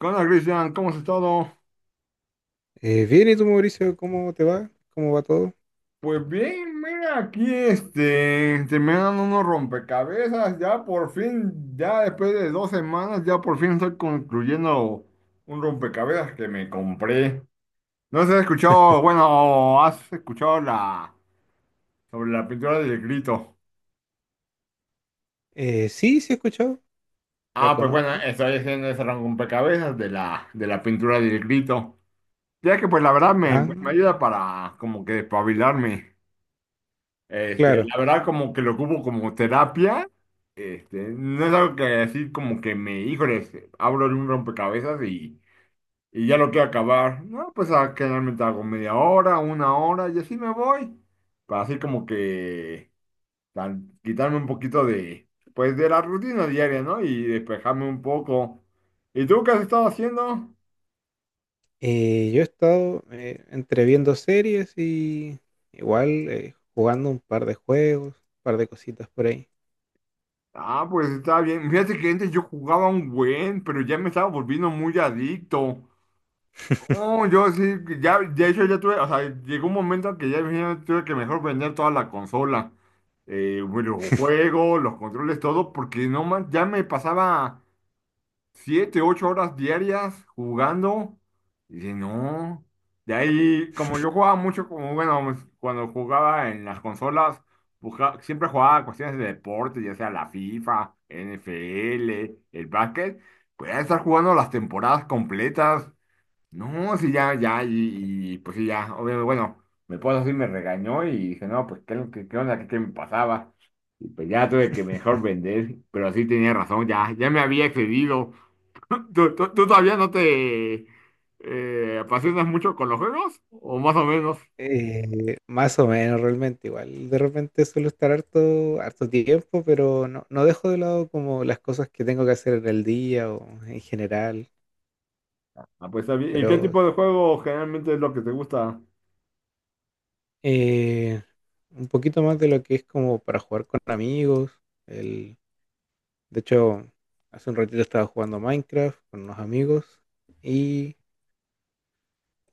¿Qué onda, Cristian? ¿Cómo has estado? Bien, ¿y tú, Mauricio? ¿Cómo te va? ¿Cómo va todo? Pues bien, mira, aquí terminando unos rompecabezas, ya por fin, ya después de dos semanas, ya por fin estoy concluyendo un rompecabezas que me compré. No sé si has escuchado, bueno, has escuchado sobre la pintura del grito. Sí, sí he escuchado, la Ah, pues bueno, conozco. estoy haciendo ese rompecabezas de la pintura del grito. Ya que pues la verdad Ah, me ayuda para como que despabilarme. Claro. La verdad, como que lo ocupo como terapia. Este, no es algo que decir como que híjoles, abro un rompecabezas y ya lo quiero acabar. No, pues a, generalmente hago media hora, una hora y así me voy. Para así como que tal, quitarme un poquito de, pues de la rutina diaria, ¿no? Y despejarme un poco. ¿Y tú qué has estado haciendo? Yo he estado entre viendo series y igual jugando un par de juegos, un par de cositas por ahí. Ah, pues está bien. Fíjate que antes yo jugaba un buen, pero ya me estaba volviendo muy adicto. No, yo sí, ya, de hecho ya tuve, o sea, llegó un momento en que ya imagínate, tuve que mejor vender toda la consola, los juegos, los controles, todo, porque no más, ya me pasaba 7, 8 horas diarias jugando, y dije, no, de ahí, como yo jugaba mucho, como bueno, pues, cuando jugaba en las consolas, siempre jugaba cuestiones de deporte, ya sea la FIFA, NFL, el básquet, podía estar jugando las temporadas completas. No, sí, ya, ya, pues sí, ya, obviamente, bueno, mi esposa sí me regañó y dije, no, pues qué, qué, qué onda, qué me pasaba. Y pues ya tuve que mejor vender, pero sí tenía razón, ya, ya me había excedido. ¿Tú todavía no te apasionas mucho con los juegos? ¿O más o menos? Más o menos realmente, igual de repente suelo estar harto, harto tiempo, pero no, no dejo de lado como las cosas que tengo que hacer en el día o en general, Ah, pues está bien. ¿Y qué pero tipo de juego generalmente es lo que te gusta? Eh, un poquito más de lo que es como para jugar con amigos. El, de hecho, hace un ratito estaba jugando Minecraft con unos amigos. Y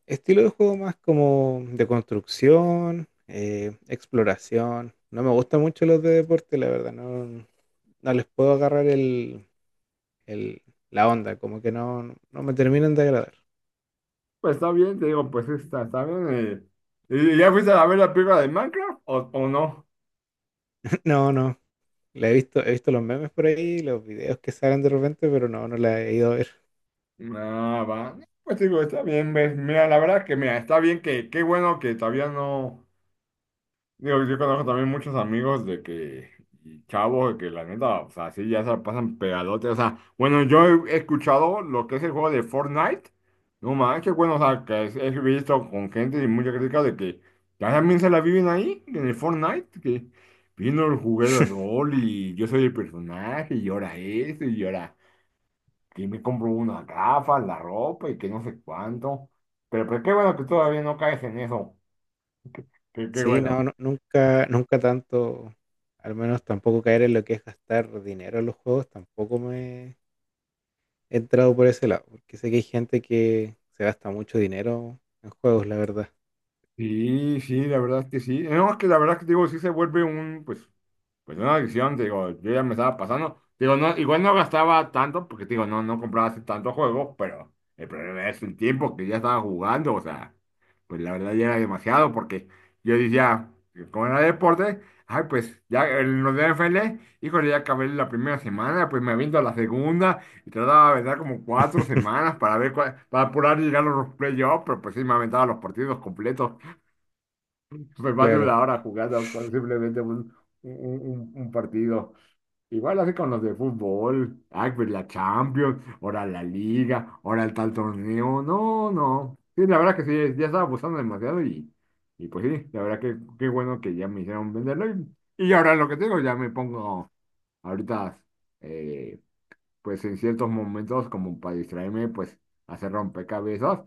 estilo de juego más como de construcción, exploración. No me gustan mucho los de deporte, la verdad. No, no les puedo agarrar el- la onda, como que no, no me terminan de agradar. Pues está bien, te digo, pues está, está bien. Y ya fuiste a ver la película de Minecraft o no? No, no. La he visto los memes por ahí, los videos que salen de repente, pero no, no la he ido a ver. Ah, va. Pues digo, está bien, ves. Mira, la verdad que, mira, está bien que, qué bueno que todavía no. Digo, yo conozco también muchos amigos de que, y chavos, de que la neta, o sea, sí, ya se la pasan pegadotes. O sea, bueno, yo he escuchado lo que es el juego de Fortnite. No manches, bueno, o sea, he visto con gente y mucha crítica de que ya también se la viven ahí, en el Fortnite, que vino el juguete de rol y yo soy el personaje y ahora esto y ahora y me compro unas gafas, la ropa y que no sé cuánto. Pero qué bueno que todavía no caes en eso. Qué Sí, bueno. no, nunca, nunca tanto, al menos tampoco caer en lo que es gastar dinero en los juegos, tampoco me he entrado por ese lado, porque sé que hay gente que se gasta mucho dinero en juegos, la verdad. Sí, sí, la verdad es que sí. No, es que la verdad es que digo, sí se vuelve un, pues, pues una adicción, te digo, yo ya me estaba pasando. Te digo, no, igual no gastaba tanto, porque te digo, no, no compraba así tanto juego, pero el problema es el tiempo que ya estaba jugando, o sea, pues la verdad ya era demasiado, porque yo decía, como era deporte, ay, pues ya en los de NFL, híjole, ya acabé la primera semana, pues me aviento a la segunda, y trataba de aventar como 4 semanas para ver para apurar y llegar a los playoffs, pero pues sí me aventaba los partidos completos, pues más de Claro, una hora jugando con simplemente un, un partido. Igual así con los de fútbol, ay, pues la Champions, ahora la Liga, ahora el tal torneo, no, no. Sí, la verdad que sí, ya estaba abusando demasiado y pues sí, la verdad que qué bueno que ya me hicieron venderlo y ahora lo que tengo ya me pongo ahorita, eh, pues en ciertos momentos como para distraerme, pues hacer rompecabezas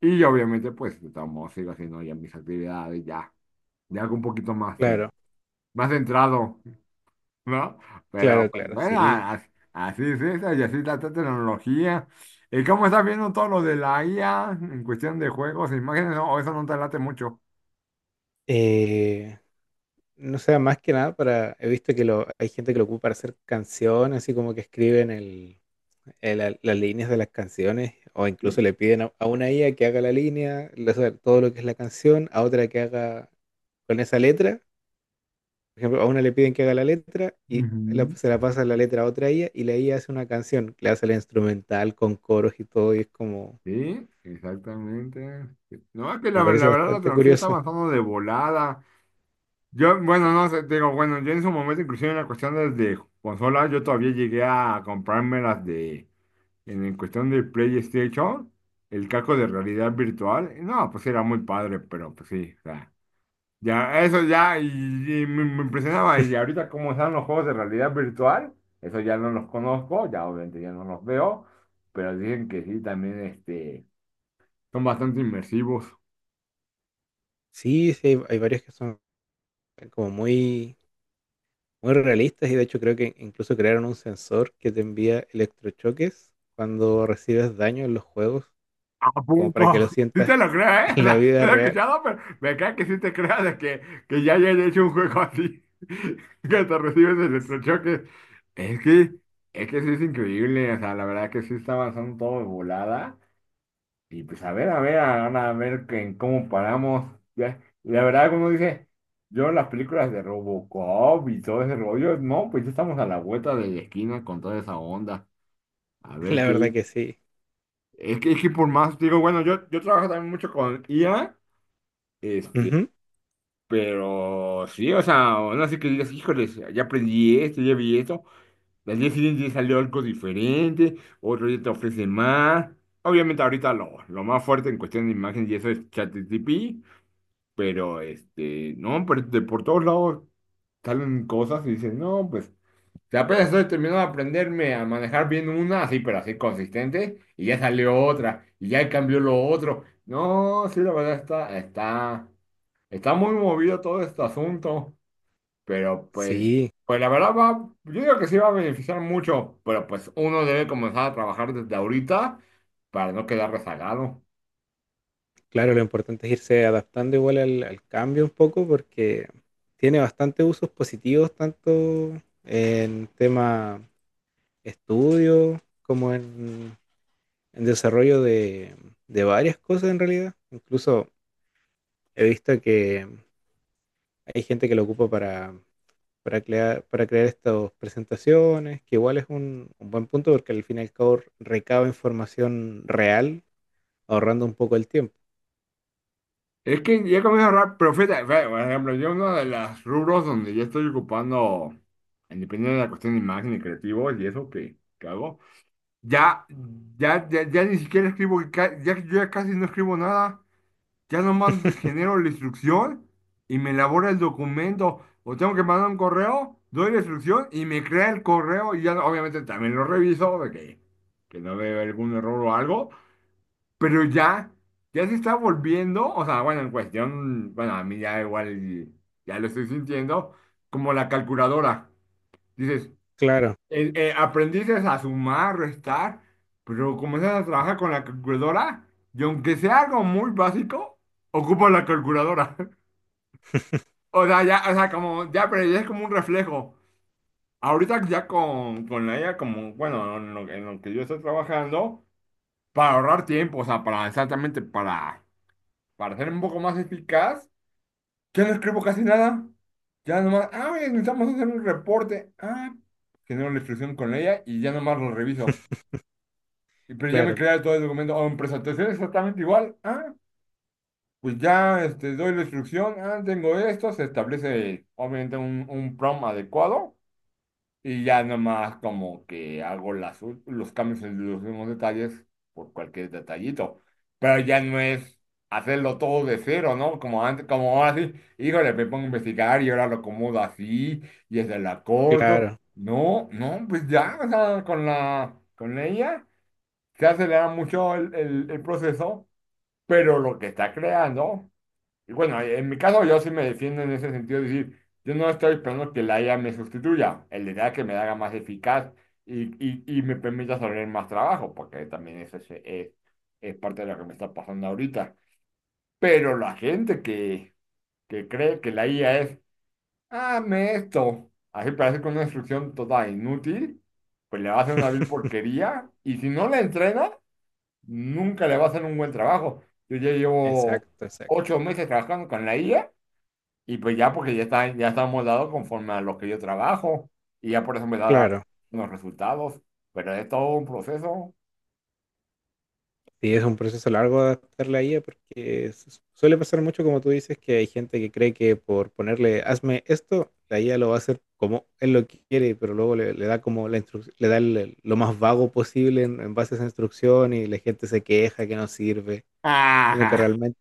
y obviamente pues de todos modos sigo haciendo ya mis actividades, ya, ya algo un poquito más, claro, más centrado. ¿No? Pero claro, pues, claro, bueno, sí. Así es eso, y así es la tecnología. ¿Y cómo estás viendo todo lo de la IA en cuestión de juegos e imágenes? ¿O eso no te late mucho? Eh, no sé, más que nada he visto que hay gente que lo ocupa para hacer canciones, así como que escriben las líneas de las canciones, o incluso Sí, le piden a una IA que haga la línea, o sea, todo lo que es la canción, a otra que haga con esa letra. Por ejemplo, a una le piden que haga la letra y ujú. se la pasa la letra a otra IA y la IA hace una canción, le hace la instrumental con coros y todo y es como, Sí, exactamente. No, es que me parece la verdad la bastante tecnología está curioso. avanzando de volada. Yo, bueno, no sé, te digo, bueno, yo en su momento, inclusive en la cuestión de consolas, yo todavía llegué a comprarme las de, en el cuestión de PlayStation, el casco de realidad virtual. No, pues era muy padre, pero pues sí, ya, eso ya, y me impresionaba. Y ahorita, como están los juegos de realidad virtual, eso ya no los conozco, ya obviamente ya no los veo, pero dicen que sí, también este, son bastante inmersivos. Sí, sí, hay varios que son como muy, muy realistas y de hecho creo que incluso crearon un sensor que te envía electrochoques cuando recibes daño en los juegos, ¿A como para que poco? lo Sí sientas te lo creo, ¿eh? O en la sea, no vida lo he real. escuchado, pero me cae que sí te creas de que ya hayan hecho un juego así, que te recibes el electrochoque. Es que, es que sí es increíble, o sea, la verdad que sí está avanzando todo de volada. Y pues a ver, ahora a ver en cómo paramos. Ya, la verdad, como dice, yo las películas de Robocop y todo ese rollo, no, pues ya estamos a la vuelta de la esquina con toda esa onda. A ver La qué. verdad que sí. Es que por más, digo, bueno, yo trabajo también mucho con IA, este, Ujú. pero sí, o sea, no sé qué digas, híjoles, ya aprendí esto, ya vi esto. Las 10 siguientes ya salió algo diferente, otro día te ofrece más. Obviamente ahorita lo más fuerte en cuestión de imagen y eso es ChatGPT, pero, este, no, pero de por todos lados salen cosas y dices, no, pues, si apenas estoy terminando de aprenderme a manejar bien una, así, pero así consistente, y ya salió otra, y ya cambió lo otro. No, sí, la verdad está, está, está muy movido todo este asunto, pero pues, Sí. pues la verdad va, yo digo que sí va a beneficiar mucho, pero pues uno debe comenzar a trabajar desde ahorita para no quedar rezagado. Claro, lo importante es irse adaptando igual al, al cambio un poco porque tiene bastante usos positivos tanto en tema estudio como en desarrollo de varias cosas en realidad. Incluso he visto que hay gente que lo ocupa para crear estas presentaciones, que igual es un buen punto porque al fin y al cabo recaba información real ahorrando un poco el tiempo. Es que ya comienzo a ahorrar, pero fíjate, fíjate, por ejemplo, yo uno de los rubros donde yo estoy ocupando, independientemente de la cuestión de imagen y creativos y eso que hago, ya, ya ni siquiera escribo, yo ya casi no escribo nada, ya nomás genero la instrucción y me elabora el documento, o tengo que mandar un correo, doy la instrucción y me crea el correo y ya obviamente también lo reviso de que no veo algún error o algo, pero ya, ya se está volviendo, o sea, bueno, en cuestión, bueno, a mí ya igual, ya lo estoy sintiendo, como la calculadora. Dices, Claro, aprendiste a sumar, restar, pero comienzas a trabajar con la calculadora y aunque sea algo muy básico, ocupa la calculadora. O sea, ya, o sea, como, ya, pero ya es como un reflejo. Ahorita ya con la IA, como, bueno, en en lo que yo estoy trabajando, para ahorrar tiempo, o sea, para exactamente para ser un poco más eficaz, ya no escribo casi nada. Ya nomás, ah, oye, necesitamos hacer un reporte. Ah, genero la instrucción con ella y ya nomás lo reviso. Y, pero ya me claro, crea todo el documento. O en presentación exactamente igual. Ah, pues ya este, doy la instrucción. Ah, tengo esto. Se establece obviamente un prompt adecuado. Y ya nomás como que hago los cambios en los mismos detalles por cualquier detallito. Pero ya no es hacerlo todo de cero, ¿no? Como antes, como ahora sí, híjole, me pongo a investigar y ahora lo acomodo así y es la corto. claro. No, no, pues ya, o sea, con con ella se acelera mucho el proceso, pero lo que está creando. Y bueno, en mi caso yo sí me defiendo en ese sentido, es decir, yo no estoy esperando que la IA me sustituya, el idea es que me la haga más eficaz y me permita hacer más trabajo, porque también eso es parte de lo que me está pasando ahorita. Pero la gente que cree que la IA es, hazme esto, así parece con una instrucción total inútil, pues le va a hacer una vil porquería y si no la entrena, nunca le va a hacer un buen trabajo. Yo ya llevo Exacto, exacto. 8 meses trabajando con la IA. Y pues ya, porque ya está moldado conforme a lo que yo trabajo y ya por eso me da Claro, los resultados, pero es todo un proceso. y es un proceso largo adaptarla a ella porque suele pasar mucho, como tú dices, que hay gente que cree que por ponerle hazme esto, la IA lo va a hacer como él lo quiere, pero luego le, le da como le da lo más vago posible en base a esa instrucción y la gente se queja que no sirve, siendo que Ajá. realmente,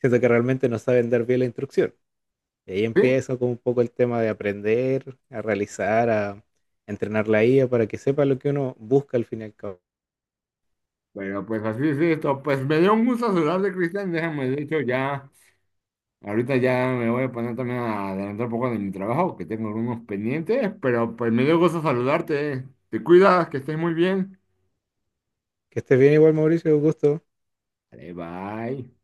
siendo que realmente no saben dar bien la instrucción. Y ahí Sí, empieza como un poco el tema de aprender, a realizar, a entrenar la IA para que sepa lo que uno busca al fin y al cabo. pero pues así es esto. Pues me dio un gusto saludarte, Cristian. Déjame, de hecho, ya, ahorita ya me voy a poner también a adelantar un poco de mi trabajo, que tengo algunos pendientes, pero pues me dio gusto saludarte. Te cuidas, que estés muy bien. Que estés bien igual, Mauricio, un gusto. Vale, bye.